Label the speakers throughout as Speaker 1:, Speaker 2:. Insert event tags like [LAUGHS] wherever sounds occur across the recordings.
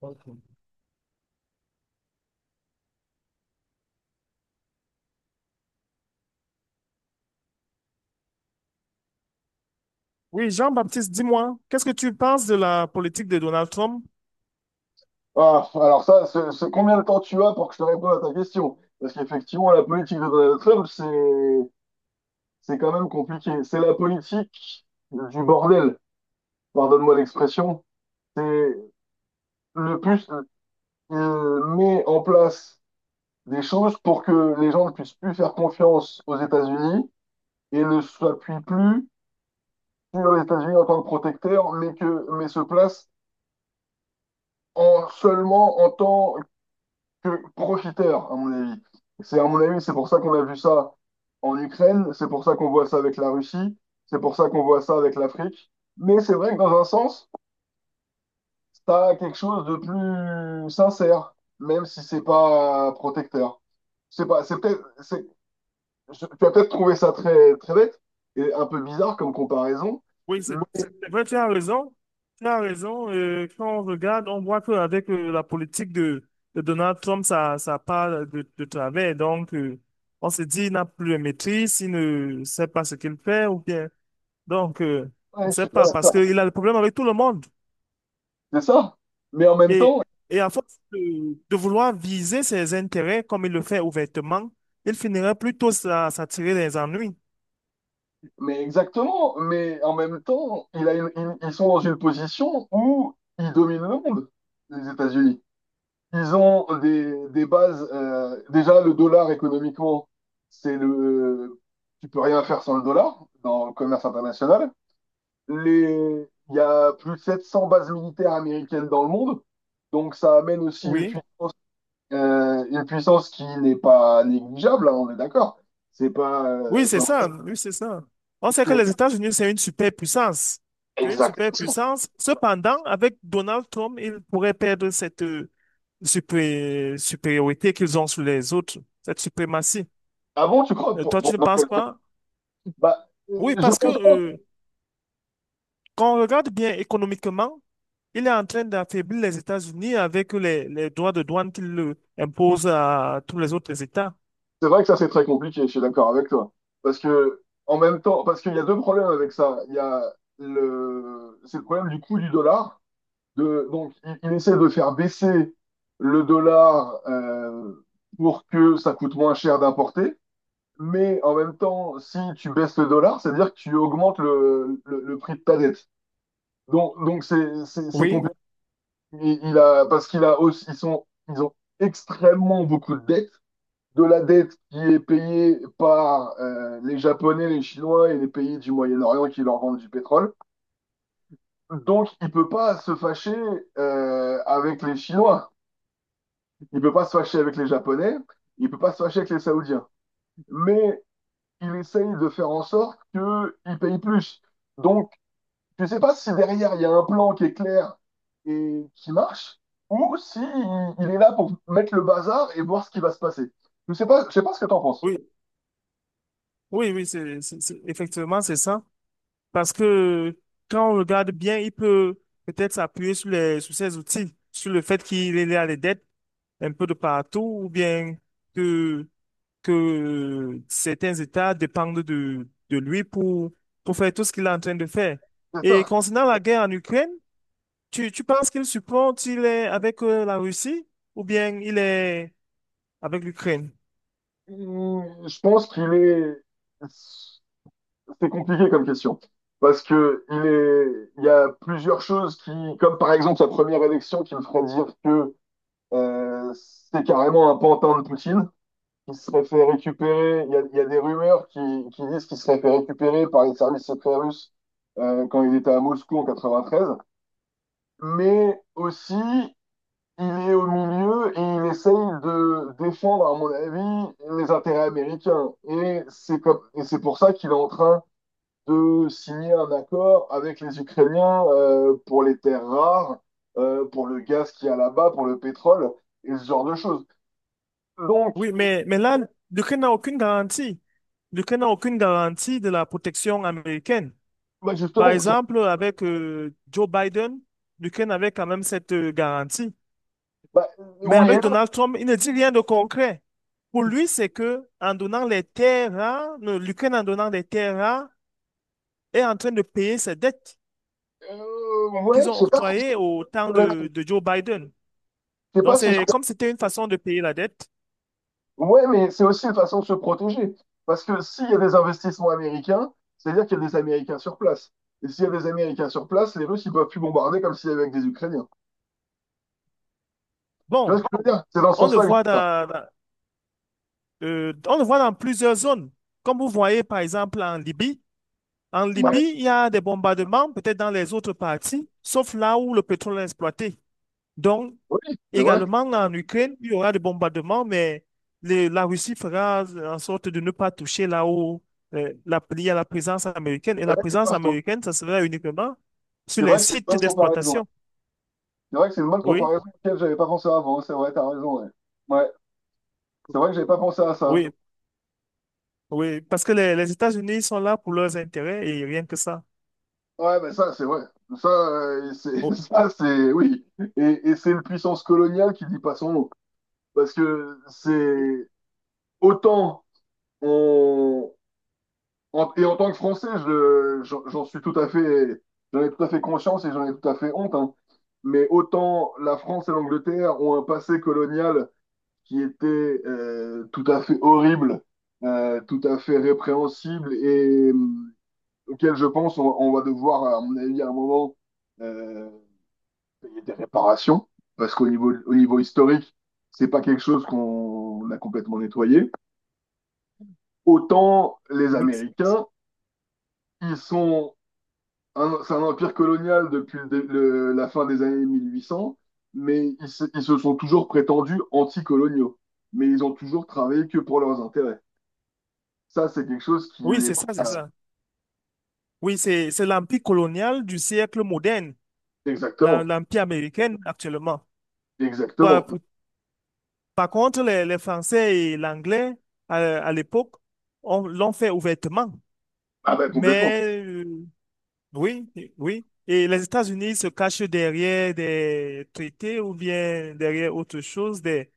Speaker 1: Ok. Oui, Jean-Baptiste, dis-moi, qu'est-ce que tu penses de la politique de Donald Trump?
Speaker 2: Ah, alors ça, c'est combien de temps tu as pour que je te réponde à ta question? Parce qu'effectivement, la politique de Donald Trump, c'est quand même compliqué. C'est la politique du bordel, pardonne-moi l'expression. C'est le plus Il met en place des choses pour que les gens ne puissent plus faire confiance aux États-Unis et ne s'appuient plus sur les États-Unis en tant que protecteur, mais que mais se placent en seulement en tant que profiteur, à mon avis. À mon avis, c'est pour ça qu'on a vu ça en Ukraine, c'est pour ça qu'on voit ça avec la Russie, c'est pour ça qu'on voit ça avec l'Afrique. Mais c'est vrai que dans un sens, ça a quelque chose de plus sincère, même si c'est pas protecteur. Je sais pas, c'est peut-être, tu vas peut-être trouver ça très, très bête et un peu bizarre comme comparaison.
Speaker 1: Oui, c'est
Speaker 2: Mais
Speaker 1: c'est vrai, tu as raison. Tu as raison. Quand on regarde, on voit qu'avec la politique de Donald Trump, ça part de travers. Donc, on se dit, il n'a plus de maîtrise, il ne sait pas ce qu'il fait, ou bien. Donc, on
Speaker 2: ouais,
Speaker 1: ne
Speaker 2: je
Speaker 1: sait
Speaker 2: suis bien
Speaker 1: pas, parce
Speaker 2: d'accord.
Speaker 1: qu'il a des problèmes avec tout le monde.
Speaker 2: C'est ça. Mais en même
Speaker 1: Et,
Speaker 2: temps,
Speaker 1: et à force de vouloir viser ses intérêts comme il le fait ouvertement, il finirait plutôt à s'attirer des ennuis.
Speaker 2: Mais exactement, mais en même temps, il a une- ils sont dans une position où ils dominent le monde, les États-Unis. Ils ont des bases. Déjà, le dollar économiquement, c'est le. Tu peux rien faire sans le dollar dans le commerce international. Il y a plus de 700 bases militaires américaines dans le monde, donc ça amène aussi
Speaker 1: Oui.
Speaker 2: une puissance qui n'est pas négligeable, hein, on est d'accord. C'est pas.
Speaker 1: Oui, c'est
Speaker 2: Enfin,
Speaker 1: ça. Oui, c'est ça. On sait que les
Speaker 2: c'est-
Speaker 1: États-Unis, c'est une superpuissance. C'est une
Speaker 2: exactement.
Speaker 1: superpuissance. Cependant, avec Donald Trump, ils pourraient perdre cette supériorité qu'ils ont sur les autres, cette suprématie.
Speaker 2: Ah bon, tu crois?
Speaker 1: Toi, tu ne
Speaker 2: Pour
Speaker 1: penses
Speaker 2: quelle fois
Speaker 1: pas? Oui,
Speaker 2: Je
Speaker 1: parce que
Speaker 2: pense que
Speaker 1: quand on regarde bien économiquement, il est en train d'affaiblir les États-Unis avec les droits de douane qu'il impose à tous les autres États.
Speaker 2: c'est vrai que ça, c'est très compliqué, je suis d'accord avec toi. Parce que, en même temps, parce qu'il y a deux problèmes avec ça. Il y a le, C'est le problème du coût du dollar. Donc, il essaie de faire baisser le dollar, pour que ça coûte moins cher d'importer. Mais en même temps, si tu baisses le dollar, c'est-à-dire que tu augmentes le prix de ta dette. Donc, c'est
Speaker 1: Oui,
Speaker 2: compliqué. Parce qu'il a aussi, ils ont extrêmement beaucoup de dettes. De la dette qui est payée par, les Japonais, les Chinois et les pays du Moyen-Orient qui leur vendent du pétrole. Donc, il peut pas se fâcher, avec les Chinois. Il peut pas se fâcher avec les Japonais. Il peut pas se fâcher avec les Saoudiens. Mais il essaye de faire en sorte qu'ils payent plus. Donc, je sais pas si derrière, il y a un plan qui est clair et qui marche, ou si il est là pour mettre le bazar et voir ce qui va se passer. Je sais pas ce que t'en penses.
Speaker 1: oui, oui, oui, c'est, effectivement, c'est ça. Parce que quand on regarde bien, il peut peut-être s'appuyer sur les, sur ses outils, sur le fait qu'il est à des dettes un peu de partout, ou bien que, que certains États dépendent de lui pour faire tout ce qu'il est en train de faire.
Speaker 2: C'est
Speaker 1: Et
Speaker 2: ça.
Speaker 1: concernant la guerre en Ukraine, tu penses qu'il supporte, il est avec la Russie, ou bien il est avec l'Ukraine.
Speaker 2: Je pense qu'il est, c'est compliqué comme question. Parce que il y a plusieurs choses qui, comme par exemple sa première élection qui me ferait dire que, euh, c'est carrément un pantin de Poutine, qui serait fait récupérer. Il y a des rumeurs qui disent qu'il serait fait récupérer par les services secrets russes, quand il était à Moscou en 93. Mais aussi, il est au milieu et il essaye de défendre, à mon avis, les intérêts américains. Et c'est pour ça qu'il est en train de signer un accord avec les Ukrainiens, pour les terres rares, pour le gaz qu'il y a là-bas, pour le pétrole et ce genre de choses. Donc,
Speaker 1: Oui, mais là, l'Ukraine n'a aucune garantie. L'Ukraine n'a aucune garantie de la protection américaine.
Speaker 2: bah
Speaker 1: Par
Speaker 2: justement,
Speaker 1: exemple, avec Joe Biden, l'Ukraine avait quand même cette garantie.
Speaker 2: bah,
Speaker 1: Mais
Speaker 2: oui et
Speaker 1: avec
Speaker 2: non.
Speaker 1: Donald Trump, il ne dit rien de concret. Pour lui, c'est que en donnant les terres rares, l'Ukraine en donnant les terres rares est en train de payer ses dettes
Speaker 2: Ouais,
Speaker 1: qu'ils
Speaker 2: je
Speaker 1: ont
Speaker 2: sais pas si
Speaker 1: octroyées au temps
Speaker 2: je
Speaker 1: de Joe Biden.
Speaker 2: je sais
Speaker 1: Donc
Speaker 2: pas si je-
Speaker 1: c'est comme c'était une façon de payer la dette.
Speaker 2: Ouais, mais c'est aussi une façon de se protéger. Parce que s'il y a des investissements américains, c'est-à-dire qu'il y a des Américains sur place. Et s'il y a des Américains sur place, les Russes, ils peuvent plus bombarder comme s'il y avait avec des Ukrainiens. Tu vois ce
Speaker 1: Bon,
Speaker 2: que je veux dire? C'est dans ce
Speaker 1: on le
Speaker 2: sens-là que je dis
Speaker 1: voit
Speaker 2: ça.
Speaker 1: dans, on le voit dans plusieurs zones. Comme vous voyez par exemple en Libye, en
Speaker 2: Ouais.
Speaker 1: Libye, il y a des bombardements, peut-être dans les autres parties, sauf là où le pétrole est exploité. Donc,
Speaker 2: Oui, c'est vrai.
Speaker 1: également en Ukraine, il y aura des bombardements, mais la Russie fera en sorte de ne pas toucher là où il y a la présence américaine.
Speaker 2: C'est
Speaker 1: Et la
Speaker 2: vrai que c'est
Speaker 1: présence
Speaker 2: pas faux.
Speaker 1: américaine, ça sera uniquement
Speaker 2: C'est
Speaker 1: sur
Speaker 2: vrai
Speaker 1: les
Speaker 2: que c'est une
Speaker 1: sites
Speaker 2: bonne comparaison.
Speaker 1: d'exploitation.
Speaker 2: C'est vrai que c'est une bonne
Speaker 1: Oui,
Speaker 2: comparaison auquel j'avais pas pensé avant. C'est vrai, t'as raison, ouais. Ouais. C'est vrai que j'avais pas pensé à ça.
Speaker 1: oui, oui. Parce que les États-Unis sont là pour leurs intérêts et rien que ça.
Speaker 2: Ouais, mais ça, c'est vrai. Ça, c'est, [LAUGHS]
Speaker 1: Oh,
Speaker 2: ça, c'est, oui. Et c'est une puissance coloniale qui dit pas son nom. Parce que c'est autant on, et en tant que Français, j'en suis tout à fait, j'en ai tout à fait conscience et j'en ai tout à fait honte, hein. Mais autant la France et l'Angleterre ont un passé colonial qui était, tout à fait horrible, tout à fait répréhensible et auquel je pense, on va devoir, à mon avis, à un moment, euh, payer des réparations, parce qu'au niveau, historique, c'est pas quelque chose qu'on a complètement nettoyé. Autant les
Speaker 1: oui,
Speaker 2: Américains, ils sont, c'est un empire colonial depuis la fin des années 1800, mais ils se sont toujours prétendus anticoloniaux. Mais ils ont toujours travaillé que pour leurs intérêts. Ça, c'est quelque chose qui
Speaker 1: oui,
Speaker 2: les...
Speaker 1: c'est ça, c'est ça. Oui, c'est l'empire colonial du siècle moderne,
Speaker 2: Exactement,
Speaker 1: l'empire américain actuellement. Par,
Speaker 2: exactement.
Speaker 1: par contre, les Français et l'anglais, à l'époque, l'ont fait ouvertement.
Speaker 2: Ah ben complètement.
Speaker 1: Mais oui, oui. Et les États-Unis se cachent derrière des traités ou bien derrière autre chose,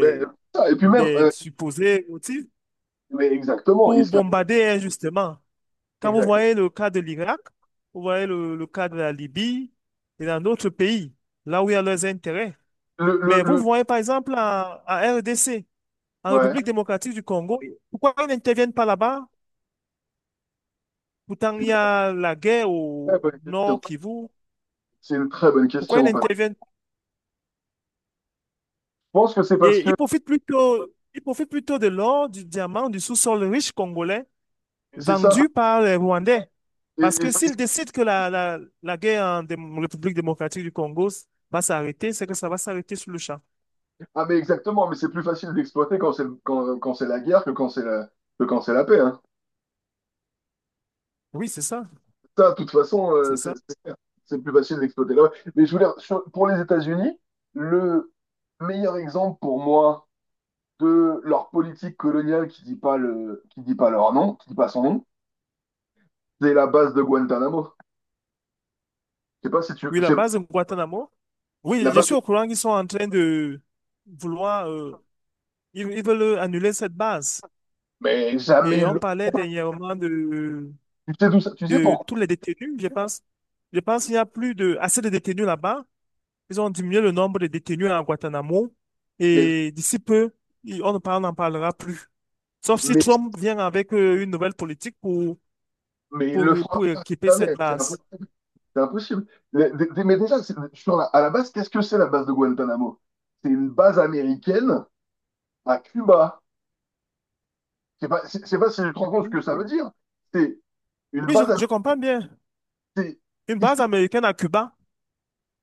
Speaker 2: Mais, et puis même,
Speaker 1: des supposés motifs
Speaker 2: mais exactement, et
Speaker 1: pour bombarder injustement. Quand vous
Speaker 2: exact.
Speaker 1: voyez le cas de l'Irak, vous voyez le cas de la Libye et dans d'autres pays, là où il y a leurs intérêts.
Speaker 2: Le, le,
Speaker 1: Mais vous
Speaker 2: le-
Speaker 1: voyez par exemple en, en RDC, en
Speaker 2: ouais.
Speaker 1: République démocratique du Congo, pourquoi ils n'interviennent pas là-bas? Pourtant, il y
Speaker 2: c'est
Speaker 1: a la guerre
Speaker 2: Très
Speaker 1: au
Speaker 2: bonne question.
Speaker 1: nord Kivu.
Speaker 2: C'est une très bonne
Speaker 1: Pourquoi ils
Speaker 2: question. Parce
Speaker 1: n'interviennent pas?
Speaker 2: Je pense que c'est parce
Speaker 1: Et
Speaker 2: que
Speaker 1: ils profitent plutôt de l'or, du diamant, du sous-sol riche congolais
Speaker 2: c'est ça.
Speaker 1: vendu par les Rwandais.
Speaker 2: Et,
Speaker 1: Parce
Speaker 2: et
Speaker 1: que
Speaker 2: c'est-
Speaker 1: s'ils décident que la guerre en République démocratique du Congo va s'arrêter, c'est que ça va s'arrêter sur le champ.
Speaker 2: ah mais exactement, mais c'est plus facile d'exploiter quand c'est quand c'est la guerre que quand c'est la que quand c'est la paix, hein.
Speaker 1: Oui, c'est ça.
Speaker 2: Ça, de toute façon,
Speaker 1: C'est ça.
Speaker 2: c'est plus facile d'exploiter là. Mais je voulais pour les États-Unis, le meilleur exemple pour moi de leur politique coloniale qui dit pas son nom, c'est la base de Guantanamo. Je sais pas si tu
Speaker 1: Oui, la
Speaker 2: je-
Speaker 1: base de Guantanamo.
Speaker 2: la
Speaker 1: Oui, je
Speaker 2: base
Speaker 1: suis
Speaker 2: de-
Speaker 1: au courant qu'ils sont en train de vouloir ils, ils veulent annuler cette base.
Speaker 2: mais jamais
Speaker 1: Et on
Speaker 2: le-
Speaker 1: parlait dernièrement
Speaker 2: Tu sais
Speaker 1: de
Speaker 2: pourquoi?
Speaker 1: tous les détenus, je pense. Je pense qu'il n'y a plus de, assez de détenus là-bas. Ils ont diminué le nombre de détenus à Guantanamo.
Speaker 2: Mais
Speaker 1: Et d'ici peu, on n'en parlera plus. Sauf si
Speaker 2: mais
Speaker 1: Trump vient avec une nouvelle politique
Speaker 2: Mais il le fera
Speaker 1: pour
Speaker 2: pas,
Speaker 1: équiper cette
Speaker 2: jamais, c'est
Speaker 1: base.
Speaker 2: impossible. C'est impossible. Mais mais déjà, à la base, qu'est-ce que c'est la base de Guantanamo? C'est une base américaine à Cuba. C'est pas si je te rends compte ce
Speaker 1: Oui,
Speaker 2: que ça veut dire. C'est une
Speaker 1: oui,
Speaker 2: base américaine
Speaker 1: je comprends bien. Une base américaine à Cuba,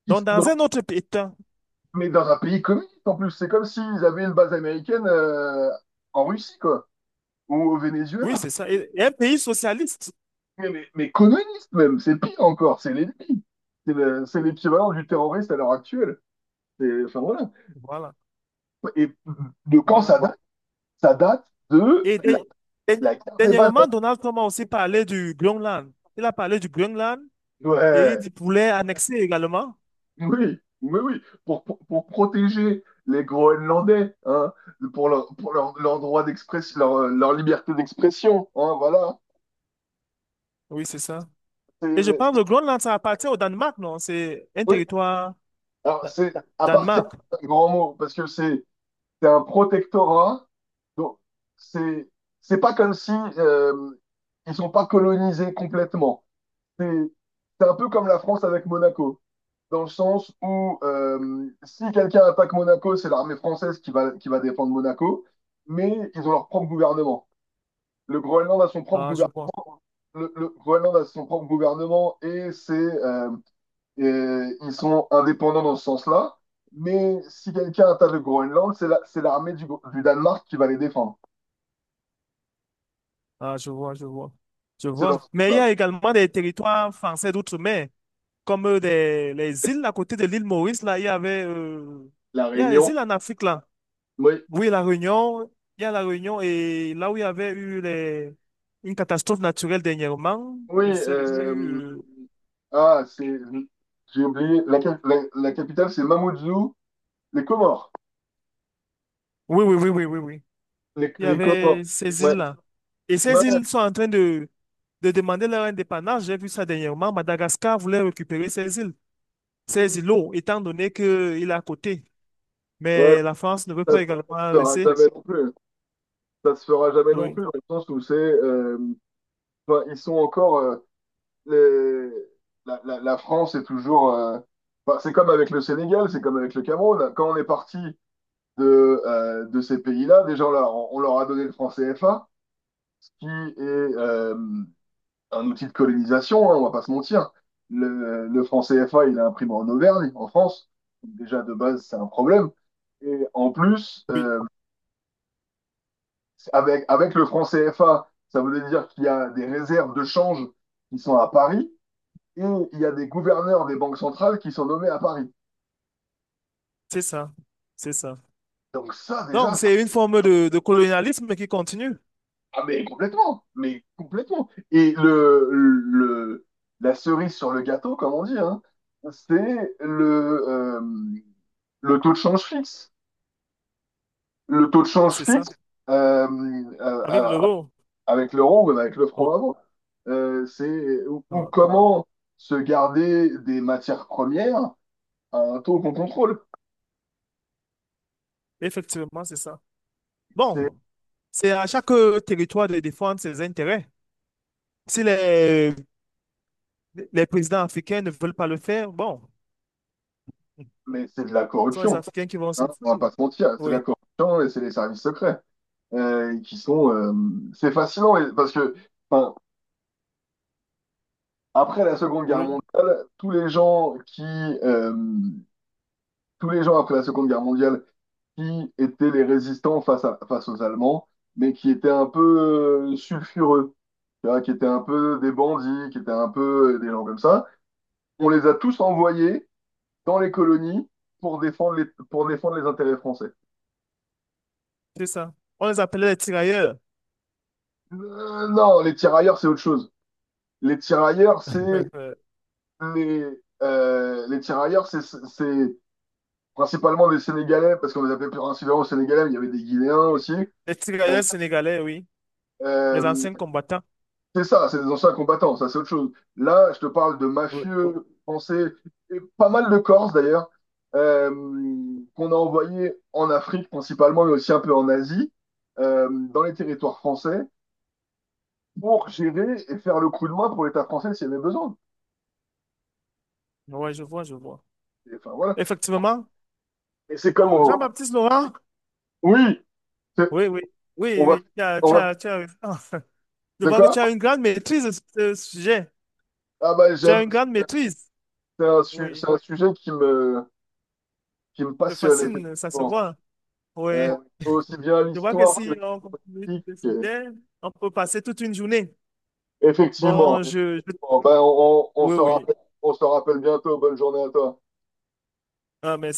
Speaker 1: donc dans un autre pays. Tiens.
Speaker 2: mais dans un pays communiste en plus. C'est comme s'ils avaient une base américaine, en Russie, quoi, ou au
Speaker 1: Oui,
Speaker 2: Venezuela.
Speaker 1: c'est ça. Et un pays socialiste.
Speaker 2: Mais communiste même, c'est pire encore, c'est l'ennemi. C'est l'équivalent du terroriste à l'heure actuelle. C'est, enfin voilà.
Speaker 1: Voilà,
Speaker 2: Et de quand ça
Speaker 1: voilà.
Speaker 2: date? Ça date de
Speaker 1: Et
Speaker 2: la, la guerre des bananes.
Speaker 1: dernièrement, Donald Trump a aussi parlé du Groenland. Il a parlé du Groenland et
Speaker 2: Ouais,
Speaker 1: voulait annexer également.
Speaker 2: oui, oui, oui. Pour protéger les Groenlandais, hein, pour leur droit d'expression, leur liberté d'expression, hein, voilà.
Speaker 1: Oui, c'est ça. Et je
Speaker 2: C'est-
Speaker 1: pense que
Speaker 2: c'est-
Speaker 1: le Groenland, ça appartient au Danemark, non? C'est un
Speaker 2: oui,
Speaker 1: territoire
Speaker 2: alors
Speaker 1: da-
Speaker 2: c'est à partir
Speaker 1: Danemark.
Speaker 2: d'un grand mot, parce que c'est un protectorat, donc c'est c'est pas comme si, euh, ils sont pas colonisés complètement. C'est c'est un peu comme la France avec Monaco, dans le sens où, si quelqu'un attaque Monaco, c'est l'armée française qui va, défendre Monaco, mais ils ont leur propre gouvernement. Le Groenland a son propre
Speaker 1: Ah, je
Speaker 2: gouvernement.
Speaker 1: vois.
Speaker 2: Le Groenland a son propre gouvernement et c'est et ils sont indépendants dans ce sens-là. Mais si quelqu'un attaque le Groenland, c'est l'armée du Danemark qui va les défendre.
Speaker 1: Ah, je vois, je vois. Je
Speaker 2: C'est dans
Speaker 1: vois.
Speaker 2: ce
Speaker 1: Mais il y
Speaker 2: sens-là.
Speaker 1: a également des territoires français d'outre-mer, comme les îles à côté de l'île Maurice, là, il y avait,
Speaker 2: La
Speaker 1: il y a les
Speaker 2: Réunion.
Speaker 1: îles en Afrique, là.
Speaker 2: Oui,
Speaker 1: Oui, la Réunion, il y a la Réunion et là où il y avait eu les, une catastrophe naturelle dernièrement,
Speaker 2: oui.
Speaker 1: je ne sais plus.
Speaker 2: Ah, c'est j'ai oublié. La capitale, c'est Mamoudzou, les Comores.
Speaker 1: Oui, oui, oui, oui, oui, oui.
Speaker 2: Les,
Speaker 1: Il y
Speaker 2: les communs.
Speaker 1: avait ces
Speaker 2: Ouais,
Speaker 1: îles-là. Et
Speaker 2: ouais,
Speaker 1: ces îles sont en train de demander leur indépendance. J'ai vu ça dernièrement. Madagascar voulait récupérer ces îles, ces îlots, étant donné qu'il est à côté.
Speaker 2: ouais,
Speaker 1: Mais la France ne veut
Speaker 2: ça
Speaker 1: pas
Speaker 2: se
Speaker 1: également
Speaker 2: fera
Speaker 1: laisser.
Speaker 2: jamais non plus. Ça se fera jamais non
Speaker 1: Oui,
Speaker 2: plus, dans le sens où c'est. Enfin, ils sont encore. Les- la France est toujours. Enfin, c'est comme avec le Sénégal, c'est comme avec le Cameroun. Quand on est parti de ces pays-là, déjà, on leur a donné le franc CFA, ce qui est. euh, un outil de colonisation, hein, on va pas se mentir. Le franc CFA, il est imprimé en Auvergne, en France. Donc, déjà, de base, c'est un problème. Et en plus,
Speaker 1: oui,
Speaker 2: avec le franc CFA, ça veut dire qu'il y a des réserves de change qui sont à Paris et il y a des gouverneurs des banques centrales qui sont nommés à Paris.
Speaker 1: c'est ça. C'est ça.
Speaker 2: Donc ça, déjà,
Speaker 1: Donc,
Speaker 2: ça...
Speaker 1: c'est une forme de colonialisme qui continue,
Speaker 2: Ah, mais complètement, mais complètement. Et la cerise sur le gâteau, comme on dit, hein, c'est le taux de change fixe. Le taux de change
Speaker 1: c'est ça,
Speaker 2: fixe, euh, euh,
Speaker 1: avec
Speaker 2: euh,
Speaker 1: l'euro.
Speaker 2: avec l'euro ou avec le
Speaker 1: Oui.
Speaker 2: franc avant. C'est Ou
Speaker 1: Ah,
Speaker 2: comment se garder des matières premières à un taux qu'on contrôle.
Speaker 1: effectivement, c'est ça.
Speaker 2: C'est,
Speaker 1: Bon, c'est à chaque territoire de défendre ses intérêts. Si les, les présidents africains ne veulent pas le faire, bon,
Speaker 2: mais c'est de la
Speaker 1: ce sont les
Speaker 2: corruption,
Speaker 1: Africains qui vont
Speaker 2: hein, on va
Speaker 1: souffrir.
Speaker 2: pas se mentir. C'est de
Speaker 1: Oui,
Speaker 2: la corruption et c'est les services secrets, qui sont. C'est fascinant parce que, enfin, après la Seconde Guerre
Speaker 1: oui,
Speaker 2: mondiale, tous les gens après la Seconde Guerre mondiale qui étaient les résistants face aux Allemands, mais qui étaient un peu, sulfureux, tu vois, qui étaient un peu des bandits, qui étaient un peu, des gens comme ça. On les a tous envoyés dans les colonies pour défendre les intérêts français.
Speaker 1: c'est ça. On les appelait les tirailleurs.
Speaker 2: Non, les tirailleurs, c'est autre chose. Les tirailleurs, c'est
Speaker 1: Euh,
Speaker 2: les, les tirailleurs, c'est- principalement des Sénégalais, parce qu'on les appelait principalement Sénégalais, mais il y avait des Guinéens
Speaker 1: oui,
Speaker 2: aussi. Euh,
Speaker 1: les tirailleurs sénégalais, oui. Les
Speaker 2: euh,
Speaker 1: anciens combattants.
Speaker 2: C'est ça, c'est des anciens combattants, ça c'est autre chose. Là, je te parle de
Speaker 1: Oui,
Speaker 2: mafieux français, et pas mal de Corses d'ailleurs, euh, qu'on a envoyés en Afrique principalement, mais aussi un peu en Asie, dans les territoires français, pour gérer et faire le coup de main pour l'État français s'il y avait besoin.
Speaker 1: ouais, je vois, je vois.
Speaker 2: Et, enfin, voilà.
Speaker 1: Effectivement.
Speaker 2: et c'est comme
Speaker 1: Bon,
Speaker 2: au-
Speaker 1: Jean-Baptiste Laurent.
Speaker 2: Oui, c'est-
Speaker 1: Oui, oui, oui,
Speaker 2: on va...
Speaker 1: oui, tu as,
Speaker 2: on
Speaker 1: tu
Speaker 2: va...
Speaker 1: as, tu as- [LAUGHS] Je
Speaker 2: De
Speaker 1: vois que
Speaker 2: quoi?
Speaker 1: tu as une grande maîtrise de ce sujet.
Speaker 2: Ah bah
Speaker 1: Tu as
Speaker 2: j'aime,
Speaker 1: une grande maîtrise.
Speaker 2: c'est un, c'est
Speaker 1: Oui,
Speaker 2: un sujet qui me,
Speaker 1: te
Speaker 2: passionne
Speaker 1: fascine, ça se
Speaker 2: effectivement.
Speaker 1: voit. Oui,
Speaker 2: Euh, Aussi bien
Speaker 1: je vois que
Speaker 2: l'histoire que la
Speaker 1: si on continue
Speaker 2: politique.
Speaker 1: ce sujet, on peut passer toute une journée.
Speaker 2: Effectivement.
Speaker 1: Bon, je-
Speaker 2: Bon, ben,
Speaker 1: Oui, oui.
Speaker 2: on se rappelle bientôt. Bonne journée à toi.
Speaker 1: Ah, merci.